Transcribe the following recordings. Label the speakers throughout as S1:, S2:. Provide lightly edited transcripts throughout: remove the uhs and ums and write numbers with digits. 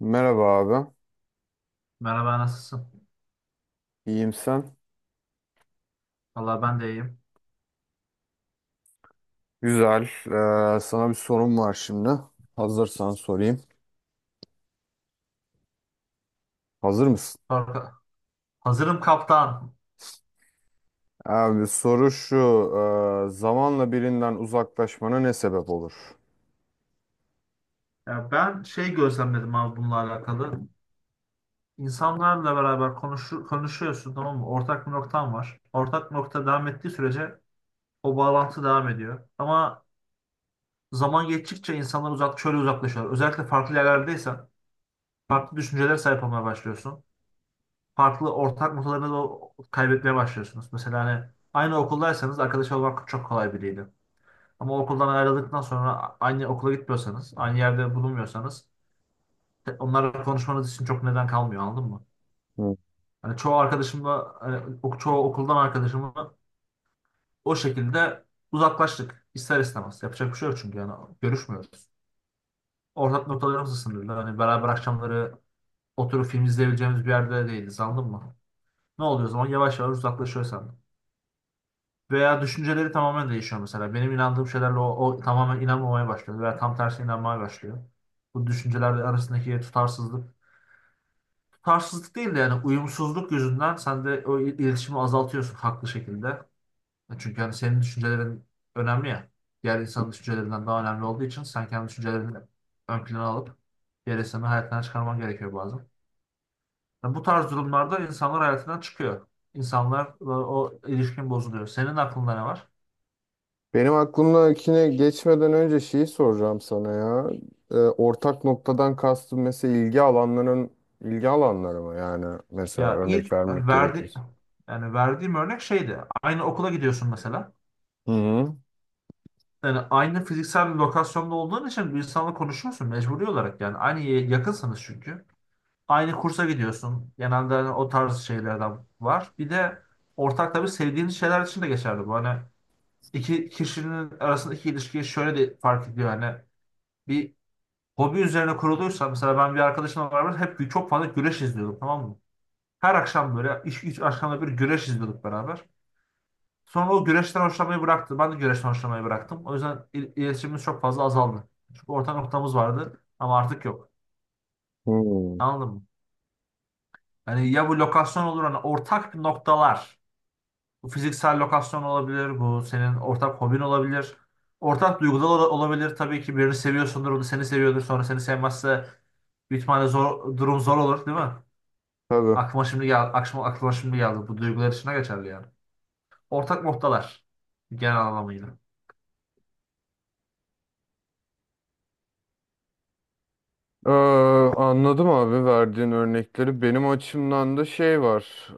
S1: Merhaba abi.
S2: Merhaba, nasılsın?
S1: İyiyim sen?
S2: Valla ben de iyiyim.
S1: Güzel. Sana bir sorum var şimdi. Hazırsan sorayım. Hazır mısın?
S2: Korka- Hazırım kaptan.
S1: Abi soru şu. Zamanla birinden uzaklaşmana ne sebep olur?
S2: Ya ben şey gözlemledim abi bununla alakalı. İnsanlarla beraber konuşuyorsun, tamam mı? Ortak bir noktan var. Ortak bir nokta devam ettiği sürece o bağlantı devam ediyor. Ama zaman geçtikçe insanlar şöyle uzaklaşıyorlar. Özellikle farklı yerlerdeysen farklı düşüncelere sahip olmaya başlıyorsun. Farklı ortak noktalarını da kaybetmeye başlıyorsunuz. Mesela hani aynı okuldaysanız arkadaş olmak çok kolay biriydi. Ama okuldan ayrıldıktan sonra aynı okula gitmiyorsanız, aynı yerde bulunmuyorsanız onlarla konuşmanız için çok neden kalmıyor, anladın mı?
S1: Hı.
S2: Hani çoğu arkadaşımla, hani çoğu okuldan arkadaşımla o şekilde uzaklaştık ister istemez. Yapacak bir şey yok çünkü yani görüşmüyoruz. Ortak noktalarımız sınırlı. Hani beraber akşamları oturup film izleyebileceğimiz bir yerde değiliz, anladın mı? Ne oluyor o zaman? Yavaş yavaş uzaklaşıyoruz senden. Veya düşünceleri tamamen değişiyor mesela. Benim inandığım şeylerle o tamamen inanmamaya başlıyor veya tam tersi inanmaya başlıyor. Bu düşünceler arasındaki tutarsızlık. Tutarsızlık değil de yani uyumsuzluk yüzünden sen de iletişimi azaltıyorsun haklı şekilde. Çünkü hani senin düşüncelerin önemli ya. Diğer insanın düşüncelerinden daha önemli olduğu için sen kendi düşüncelerini ön plana alıp diğer insanı hayatından çıkarman gerekiyor bazen. Yani bu tarz durumlarda insanlar hayatından çıkıyor. İnsanlar o ilişkin bozuluyor. Senin aklında ne var?
S1: Benim aklımdakine geçmeden önce şeyi soracağım sana ya. Ortak noktadan kastım mesela ilgi alanları mı? Yani mesela
S2: Ya
S1: örnek
S2: ilk
S1: vermek
S2: verdi
S1: gerekir.
S2: Yani verdiğim örnek şeydi. Aynı okula gidiyorsun mesela.
S1: Hı hı.
S2: Yani aynı fiziksel bir lokasyonda olduğun için bir insanla konuşuyorsun mecburi olarak yani. Yakınsınız çünkü. Aynı kursa gidiyorsun. Genelde hani o tarz şeylerden var. Bir de ortak tabii sevdiğiniz şeyler için de geçerli bu. Hani iki kişinin arasındaki ilişkiyi şöyle de fark ediyor. Hani bir hobi üzerine kuruluysa mesela ben bir arkadaşımla beraber hep çok fazla güreş izliyorduk, tamam mı? Her akşam böyle iş üç akşamda bir güreş izliyorduk beraber. Sonra o güreşten hoşlanmayı bıraktı. Ben de güreşten hoşlanmayı bıraktım. O yüzden iletişimimiz çok fazla azaldı. Çünkü ortak noktamız vardı ama artık yok.
S1: Hı.
S2: Anladın mı? Yani ya bu lokasyon olur hani ortak noktalar. Bu fiziksel lokasyon olabilir. Bu senin ortak hobin olabilir. Ortak duygular olabilir. Tabii ki birini seviyorsundur. O da seni seviyordur. Sonra seni sevmezse bir ihtimalle zor, durum zor olur değil mi?
S1: Tabii.
S2: Aklıma şimdi geldi. Aklıma şimdi geldi. Bu duygular içine geçerli yani. Ortak noktalar. Genel anlamıyla.
S1: Ee, Anladım abi verdiğin örnekleri. Benim açımdan da şey var.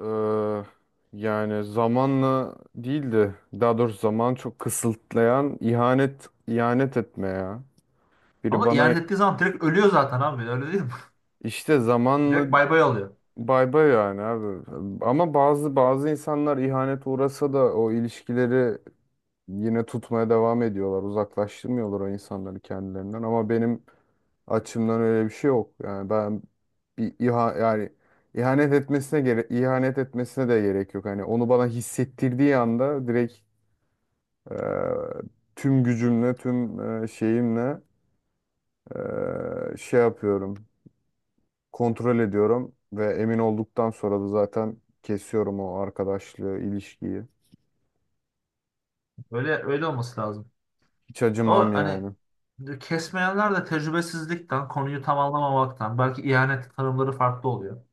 S1: ee, Yani zamanla değildi. Daha doğrusu zaman çok kısıtlayan ihanet etme ya. Biri
S2: Ama
S1: bana
S2: ihanet ettiği zaman direkt ölüyor zaten abi. Öyle değil mi?
S1: işte zamanla
S2: Direkt bay bay oluyor.
S1: bay bay yani abi. Ama bazı insanlar ihanet uğrasa da o ilişkileri yine tutmaya devam ediyorlar. Uzaklaştırmıyorlar o insanları kendilerinden. Ama benim açımdan öyle bir şey yok. Yani ben bir iha yani ihanet etmesine gere ihanet etmesine de gerek yok. Hani onu bana hissettirdiği anda direkt e, tüm gücümle, tüm şeyimle şey yapıyorum. Kontrol ediyorum ve emin olduktan sonra da zaten kesiyorum o arkadaşlığı, ilişkiyi.
S2: Öyle öyle olması lazım.
S1: Hiç
S2: O
S1: acımam
S2: hani
S1: yani.
S2: kesmeyenler de tecrübesizlikten, konuyu tam anlamamaktan, belki ihanet tanımları farklı oluyor.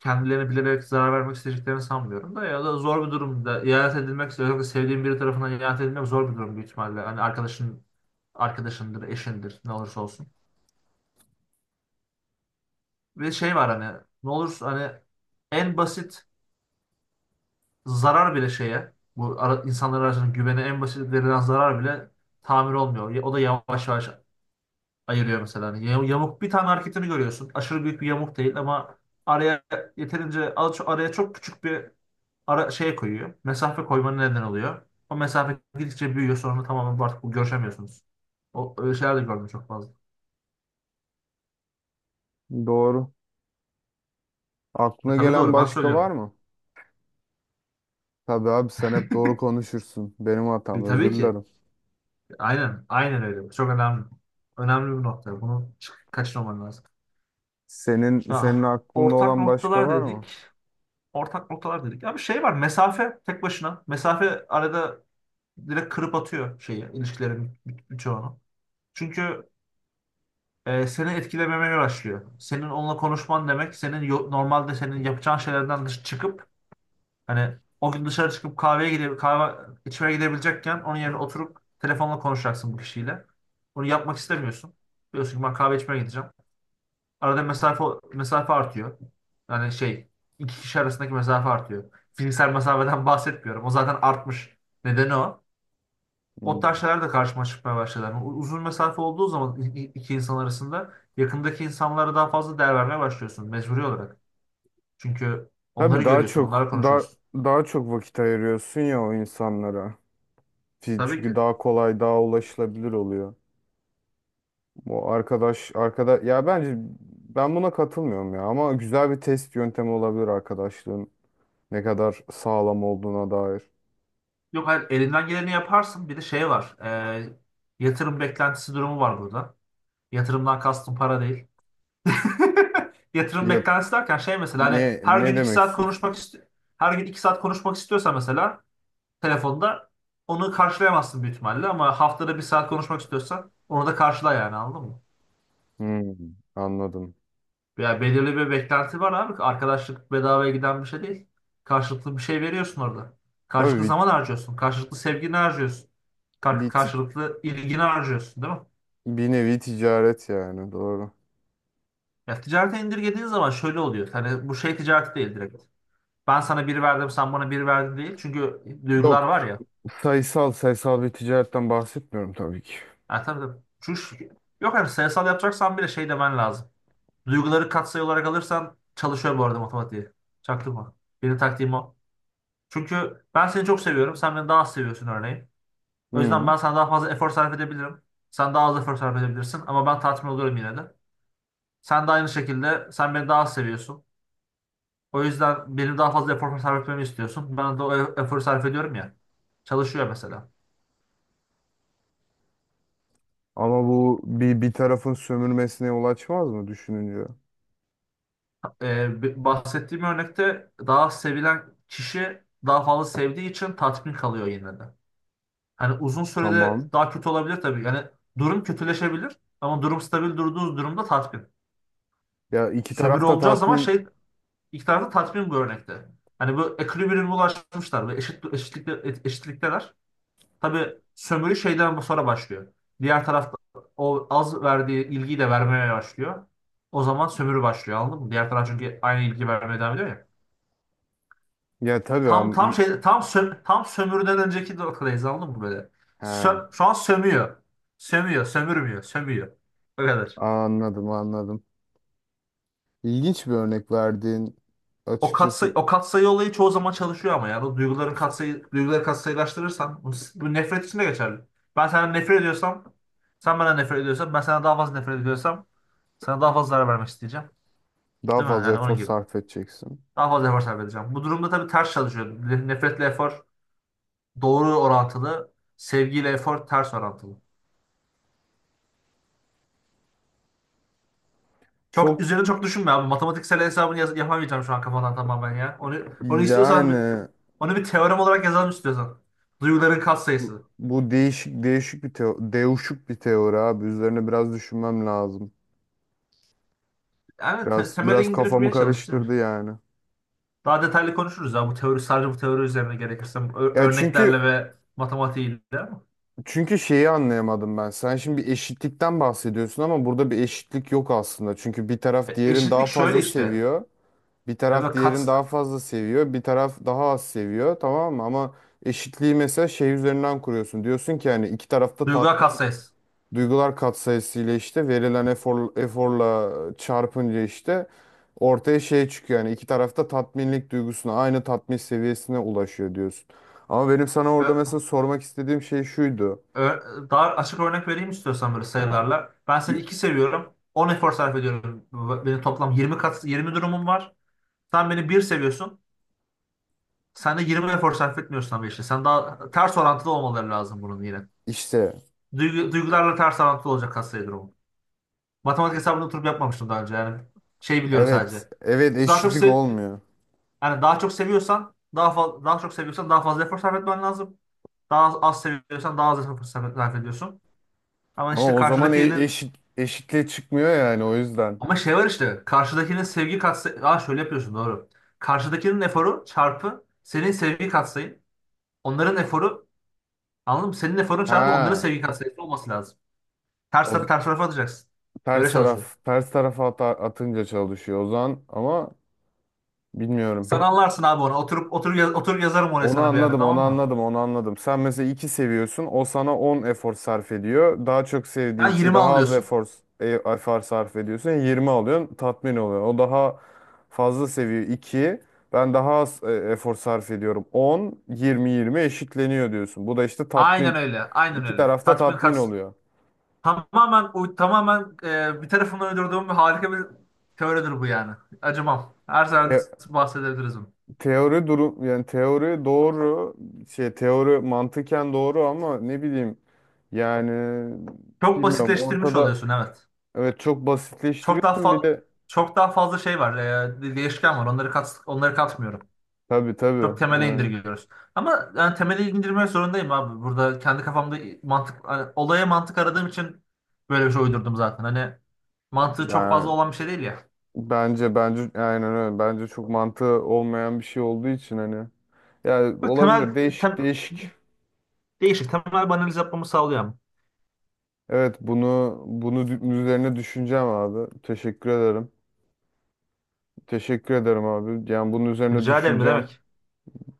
S2: Kendilerini bilerek zarar vermek isteyeceklerini sanmıyorum da, ya da zor bir durumda ihanet edilmek, özellikle sevdiğin biri tarafından ihanet edilmek zor bir durum büyük ihtimalle. Hani arkadaşın arkadaşındır, eşindir, ne olursa olsun. Bir şey var hani ne olursa hani en basit zarar bile şeye bu ara, insanlar arasında güvene en basit verilen zarar bile tamir olmuyor. O da yavaş yavaş ayırıyor mesela. Hani yamuk bir tane hareketini görüyorsun. Aşırı büyük bir yamuk değil ama araya araya çok küçük bir ara, şey koyuyor. Mesafe koymanın neden oluyor. O mesafe gidikçe büyüyor, sonra tamamen artık bu görüşemiyorsunuz. O öyle şeyler de gördüm çok fazla.
S1: Doğru. Aklına
S2: Tabii
S1: gelen
S2: doğru ben
S1: başka var
S2: söylüyorum.
S1: mı? Tabii abi sen hep doğru konuşursun. Benim hatam,
S2: Tabii
S1: özür
S2: ki.
S1: dilerim.
S2: Aynen aynen öyle. Çok önemli. Önemli bir nokta. Bunu kaçırmaman lazım.
S1: Senin
S2: Ah,
S1: aklında
S2: Ortak
S1: olan başka
S2: noktalar
S1: var
S2: dedik.
S1: mı?
S2: Ortak noktalar dedik. Ya şey var. Mesafe tek başına. Mesafe arada direkt kırıp atıyor şeyi, ilişkilerin birçoğunu. Çünkü seni etkilememeye başlıyor. Senin onunla konuşman demek, senin normalde senin yapacağın şeylerden dış çıkıp hani o gün dışarı çıkıp kahveye gidip kahve içmeye gidebilecekken onun yerine oturup telefonla konuşacaksın bu kişiyle. Bunu yapmak istemiyorsun. Diyorsun ki ben kahve içmeye gideceğim. Arada mesafe artıyor. Yani şey iki kişi arasındaki mesafe artıyor. Fiziksel mesafeden bahsetmiyorum. O zaten artmış. Nedeni o. O tarz
S1: Hmm.
S2: şeyler de karşıma çıkmaya başladı. Yani uzun mesafe olduğu zaman iki insan arasında yakındaki insanlara daha fazla değer vermeye başlıyorsun mecburi olarak. Çünkü onları
S1: Tabii daha
S2: görüyorsun,
S1: çok
S2: onlarla
S1: daha
S2: konuşuyorsun.
S1: daha çok vakit ayırıyorsun ya o insanlara.
S2: Tabii
S1: Çünkü
S2: ki.
S1: daha kolay, daha ulaşılabilir oluyor. Bu arkadaş ya, bence ben buna katılmıyorum ya, ama güzel bir test yöntemi olabilir arkadaşlığın ne kadar sağlam olduğuna dair.
S2: Yok hayır, elinden geleni yaparsın. Bir de şey var. Yatırım beklentisi durumu var burada. Yatırımdan kastım para değil. Yatırım
S1: Ya
S2: beklentisi derken şey mesela hani
S1: ne
S2: her
S1: ne
S2: gün iki
S1: demek
S2: saat
S1: istiyorsun?
S2: konuşmak istiyor. Her gün iki saat konuşmak istiyorsa mesela telefonda onu karşılayamazsın büyük ihtimalle, ama haftada bir saat konuşmak istiyorsan onu da karşıla yani, anladın mı?
S1: Hmm, anladım.
S2: Ya belirli bir beklenti var abi. Arkadaşlık bedavaya giden bir şey değil. Karşılıklı bir şey veriyorsun orada.
S1: Tabii
S2: Karşılıklı zaman harcıyorsun. Karşılıklı sevgini harcıyorsun.
S1: bir, ti-
S2: Karşılıklı ilgini harcıyorsun, değil mi?
S1: bir nevi ticaret yani, doğru.
S2: Ya ticarete indirgediğin zaman şöyle oluyor. Hani bu şey ticareti değil direkt. Ben sana bir verdim, sen bana bir verdin değil. Çünkü duygular
S1: Yok,
S2: var ya.
S1: sayısal bir ticaretten bahsetmiyorum tabii ki.
S2: Ha, tabii tabii. Çünkü, yok, hani sayısal yapacaksan bile şey demen lazım. Duyguları katsayı olarak alırsan çalışıyor bu arada matematiği. Çaktırma. Benim taktiğim o. Çünkü ben seni çok seviyorum. Sen beni daha az seviyorsun örneğin. O yüzden
S1: Hı.
S2: ben sana daha fazla efor sarf edebilirim. Sen daha az efor sarf edebilirsin. Ama ben tatmin oluyorum yine de. Sen de aynı şekilde sen beni daha az seviyorsun. O yüzden benim daha fazla efor sarf etmemi istiyorsun. Ben de o eforu sarf ediyorum ya. Çalışıyor mesela.
S1: Ama bu, bir tarafın sömürmesine yol açmaz mı düşününce?
S2: Bahsettiğim örnekte daha sevilen kişi daha fazla sevdiği için tatmin kalıyor yine de. Hani uzun sürede
S1: Tamam.
S2: daha kötü olabilir tabii. Yani durum kötüleşebilir ama durum stabil durduğunuz durumda tatmin.
S1: Ya iki
S2: Sömürü
S1: taraf da
S2: olacağı zaman
S1: tatmin...
S2: şey ilk tarafta tatmin bu örnekte. Hani bu ekvilibriyuma ulaşmışlar ve eşitlikteler. Tabii sömürü şeyden bu sonra başlıyor. Diğer tarafta o az verdiği ilgiyi de vermeye başlıyor. O zaman sömürü başlıyor, anladın mı? Diğer taraf çünkü aynı ilgi vermeye devam ediyor ya.
S1: Ya, tabii, am... i-...
S2: Tam sömürüden önceki noktadayız, anladın mı böyle?
S1: Ha.
S2: Şu an sömüyor. Sömüyor, sömürmüyor, sömüyor. O kadar.
S1: Anladım, anladım. İlginç bir örnek verdiğin, açıkçası.
S2: O katsayı olayı çoğu zaman çalışıyor, ama yani o duyguların katsayı duyguları katsayılaştırırsan bu, bu nefret için de geçerli. Ben senden nefret ediyorsam, sen bana nefret ediyorsan, ben sana daha fazla nefret ediyorsam sana daha fazla zarar vermek isteyeceğim.
S1: Daha
S2: Değil mi?
S1: fazla
S2: Yani
S1: efor
S2: onun gibi.
S1: sarf edeceksin.
S2: Daha fazla efor sarf edeceğim. Bu durumda tabii ters çalışıyor. Nefretle efor doğru orantılı, sevgiyle efor ters orantılı.
S1: Çok,
S2: Üzerine çok düşünme abi. Matematiksel hesabını yapamayacağım şu an kafadan tamamen ya. Onu istiyorsan bir-
S1: yani
S2: Onu bir teorem olarak yazalım istiyorsan. Duyguların
S1: bu,
S2: katsayısı.
S1: bu değişik bir teori abi. Üzerine biraz düşünmem lazım.
S2: Yani
S1: Biraz
S2: temele
S1: biraz kafamı
S2: indirmeye çalış değil mi?
S1: karıştırdı yani.
S2: Daha detaylı konuşuruz ya bu teori üzerine gerekirse
S1: Ya
S2: örneklerle
S1: çünkü,
S2: ve matematiğiyle ama.
S1: Şeyi anlayamadım ben. Sen şimdi bir eşitlikten bahsediyorsun ama burada bir eşitlik yok aslında. Çünkü bir taraf diğerini daha
S2: Eşitlik şöyle
S1: fazla
S2: işte.
S1: seviyor. Bir taraf
S2: Evet,
S1: diğerini daha fazla seviyor. Bir taraf daha az seviyor. Tamam mı? Ama eşitliği mesela şey üzerinden kuruyorsun. Diyorsun ki yani iki tarafta
S2: duygular
S1: tatmin,
S2: katsayısı.
S1: duygular katsayısı ile işte verilen eforla çarpınca işte ortaya şey çıkıyor. Yani iki tarafta tatminlik duygusuna, aynı tatmin seviyesine ulaşıyor diyorsun. Ama benim sana orada mesela
S2: Ö-
S1: sormak istediğim şey şuydu.
S2: Daha açık örnek vereyim istiyorsan böyle sayılarla. Ben seni 2 seviyorum. On efor sarf ediyorum. Benim toplam 20 kat 20 durumum var. Sen beni bir seviyorsun. Sen de 20 efor sarf etmiyorsun ama işte. Sen daha ters orantılı olmaları lazım bunun yine.
S1: İşte,
S2: Duygularla ters orantılı olacak hastaya durumu. Matematik hesabını oturup yapmamıştım daha önce. Yani şey biliyorum
S1: evet,
S2: sadece.
S1: evet,
S2: Daha çok
S1: eşitlik
S2: sev
S1: olmuyor.
S2: Yani daha çok seviyorsan daha fazla efor sarf etmen lazım. Daha az, az seviyorsan daha az efor sarf ediyorsun. Ama
S1: Ama
S2: işte
S1: o zaman
S2: karşıdakinin
S1: eşitliğe çıkmıyor yani, o yüzden.
S2: Ama şey var, işte karşıdakinin sevgi katsayı Aa şöyle yapıyorsun, doğru. Karşıdakinin eforu çarpı senin sevgi katsayın. Onların eforu. Anladın mı? Senin eforun çarpı onların
S1: Ha,
S2: sevgi katsayısı olması lazım. Ters
S1: o
S2: tarafı
S1: z-
S2: ters tarafa atacaksın. Öyle çalışıyor.
S1: ters tarafa atınca çalışıyor o zaman ama bilmiyorum.
S2: Sen anlarsın abi onu. Oturup yazarım oraya
S1: Onu
S2: sana bir ara,
S1: anladım, onu
S2: tamam mı?
S1: anladım, onu anladım. Sen mesela 2 seviyorsun, o sana 10 efor sarf ediyor. Daha çok sevdiği
S2: Sen
S1: için
S2: 20
S1: daha az
S2: anlıyorsun.
S1: efor sarf ediyorsun. 20 alıyorsun, tatmin oluyor. O daha fazla seviyor, iki. Ben daha az efor sarf ediyorum. 10, 20, 20 eşitleniyor diyorsun. Bu da işte
S2: Aynen
S1: tatmin,
S2: öyle. Aynen
S1: iki
S2: öyle.
S1: tarafta
S2: Tatmin
S1: tatmin
S2: kaç
S1: oluyor.
S2: tamamen tamamen bir tarafımdan uydurduğum bir harika bir teoridir bu yani. Acımam. Her zaman
S1: Te-
S2: bahsedebiliriz bunu.
S1: Teori durum yani, teori doğru, şey, teori mantıken doğru ama ne bileyim yani,
S2: Çok
S1: bilmiyorum
S2: basitleştirmiş
S1: ortada.
S2: oluyorsun, evet.
S1: Evet, çok
S2: Çok daha
S1: basitleştiriyorsun bir
S2: fa-
S1: de.
S2: Çok daha fazla şey var. Değişken var. Onları katmıyorum.
S1: Tabii, tabii,
S2: Çok temele
S1: yani
S2: indirgiyoruz. Ama yani temele indirmek zorundayım abi. Burada kendi kafamda mantık hani olaya mantık aradığım için böyle bir şey uydurdum zaten. Hani mantığı çok fazla
S1: ben
S2: olan bir şey değil ya.
S1: bence aynen öyle, bence çok mantığı olmayan bir şey olduğu için, hani, yani
S2: Böyle
S1: olabilir, değişik
S2: tem,
S1: değişik.
S2: değişik temel bir analiz yapmamı sağlıyor ama.
S1: Evet bunu üzerine düşüneceğim abi, teşekkür ederim. Teşekkür ederim abi, yani bunun üzerine
S2: Rica ederim, ne
S1: düşüneceğim.
S2: demek.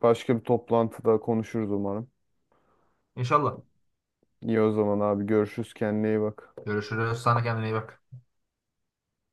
S1: Başka bir toplantıda konuşuruz umarım.
S2: İnşallah.
S1: İyi o zaman abi, görüşürüz, kendine iyi bak.
S2: Görüşürüz. Sana kendine iyi bak.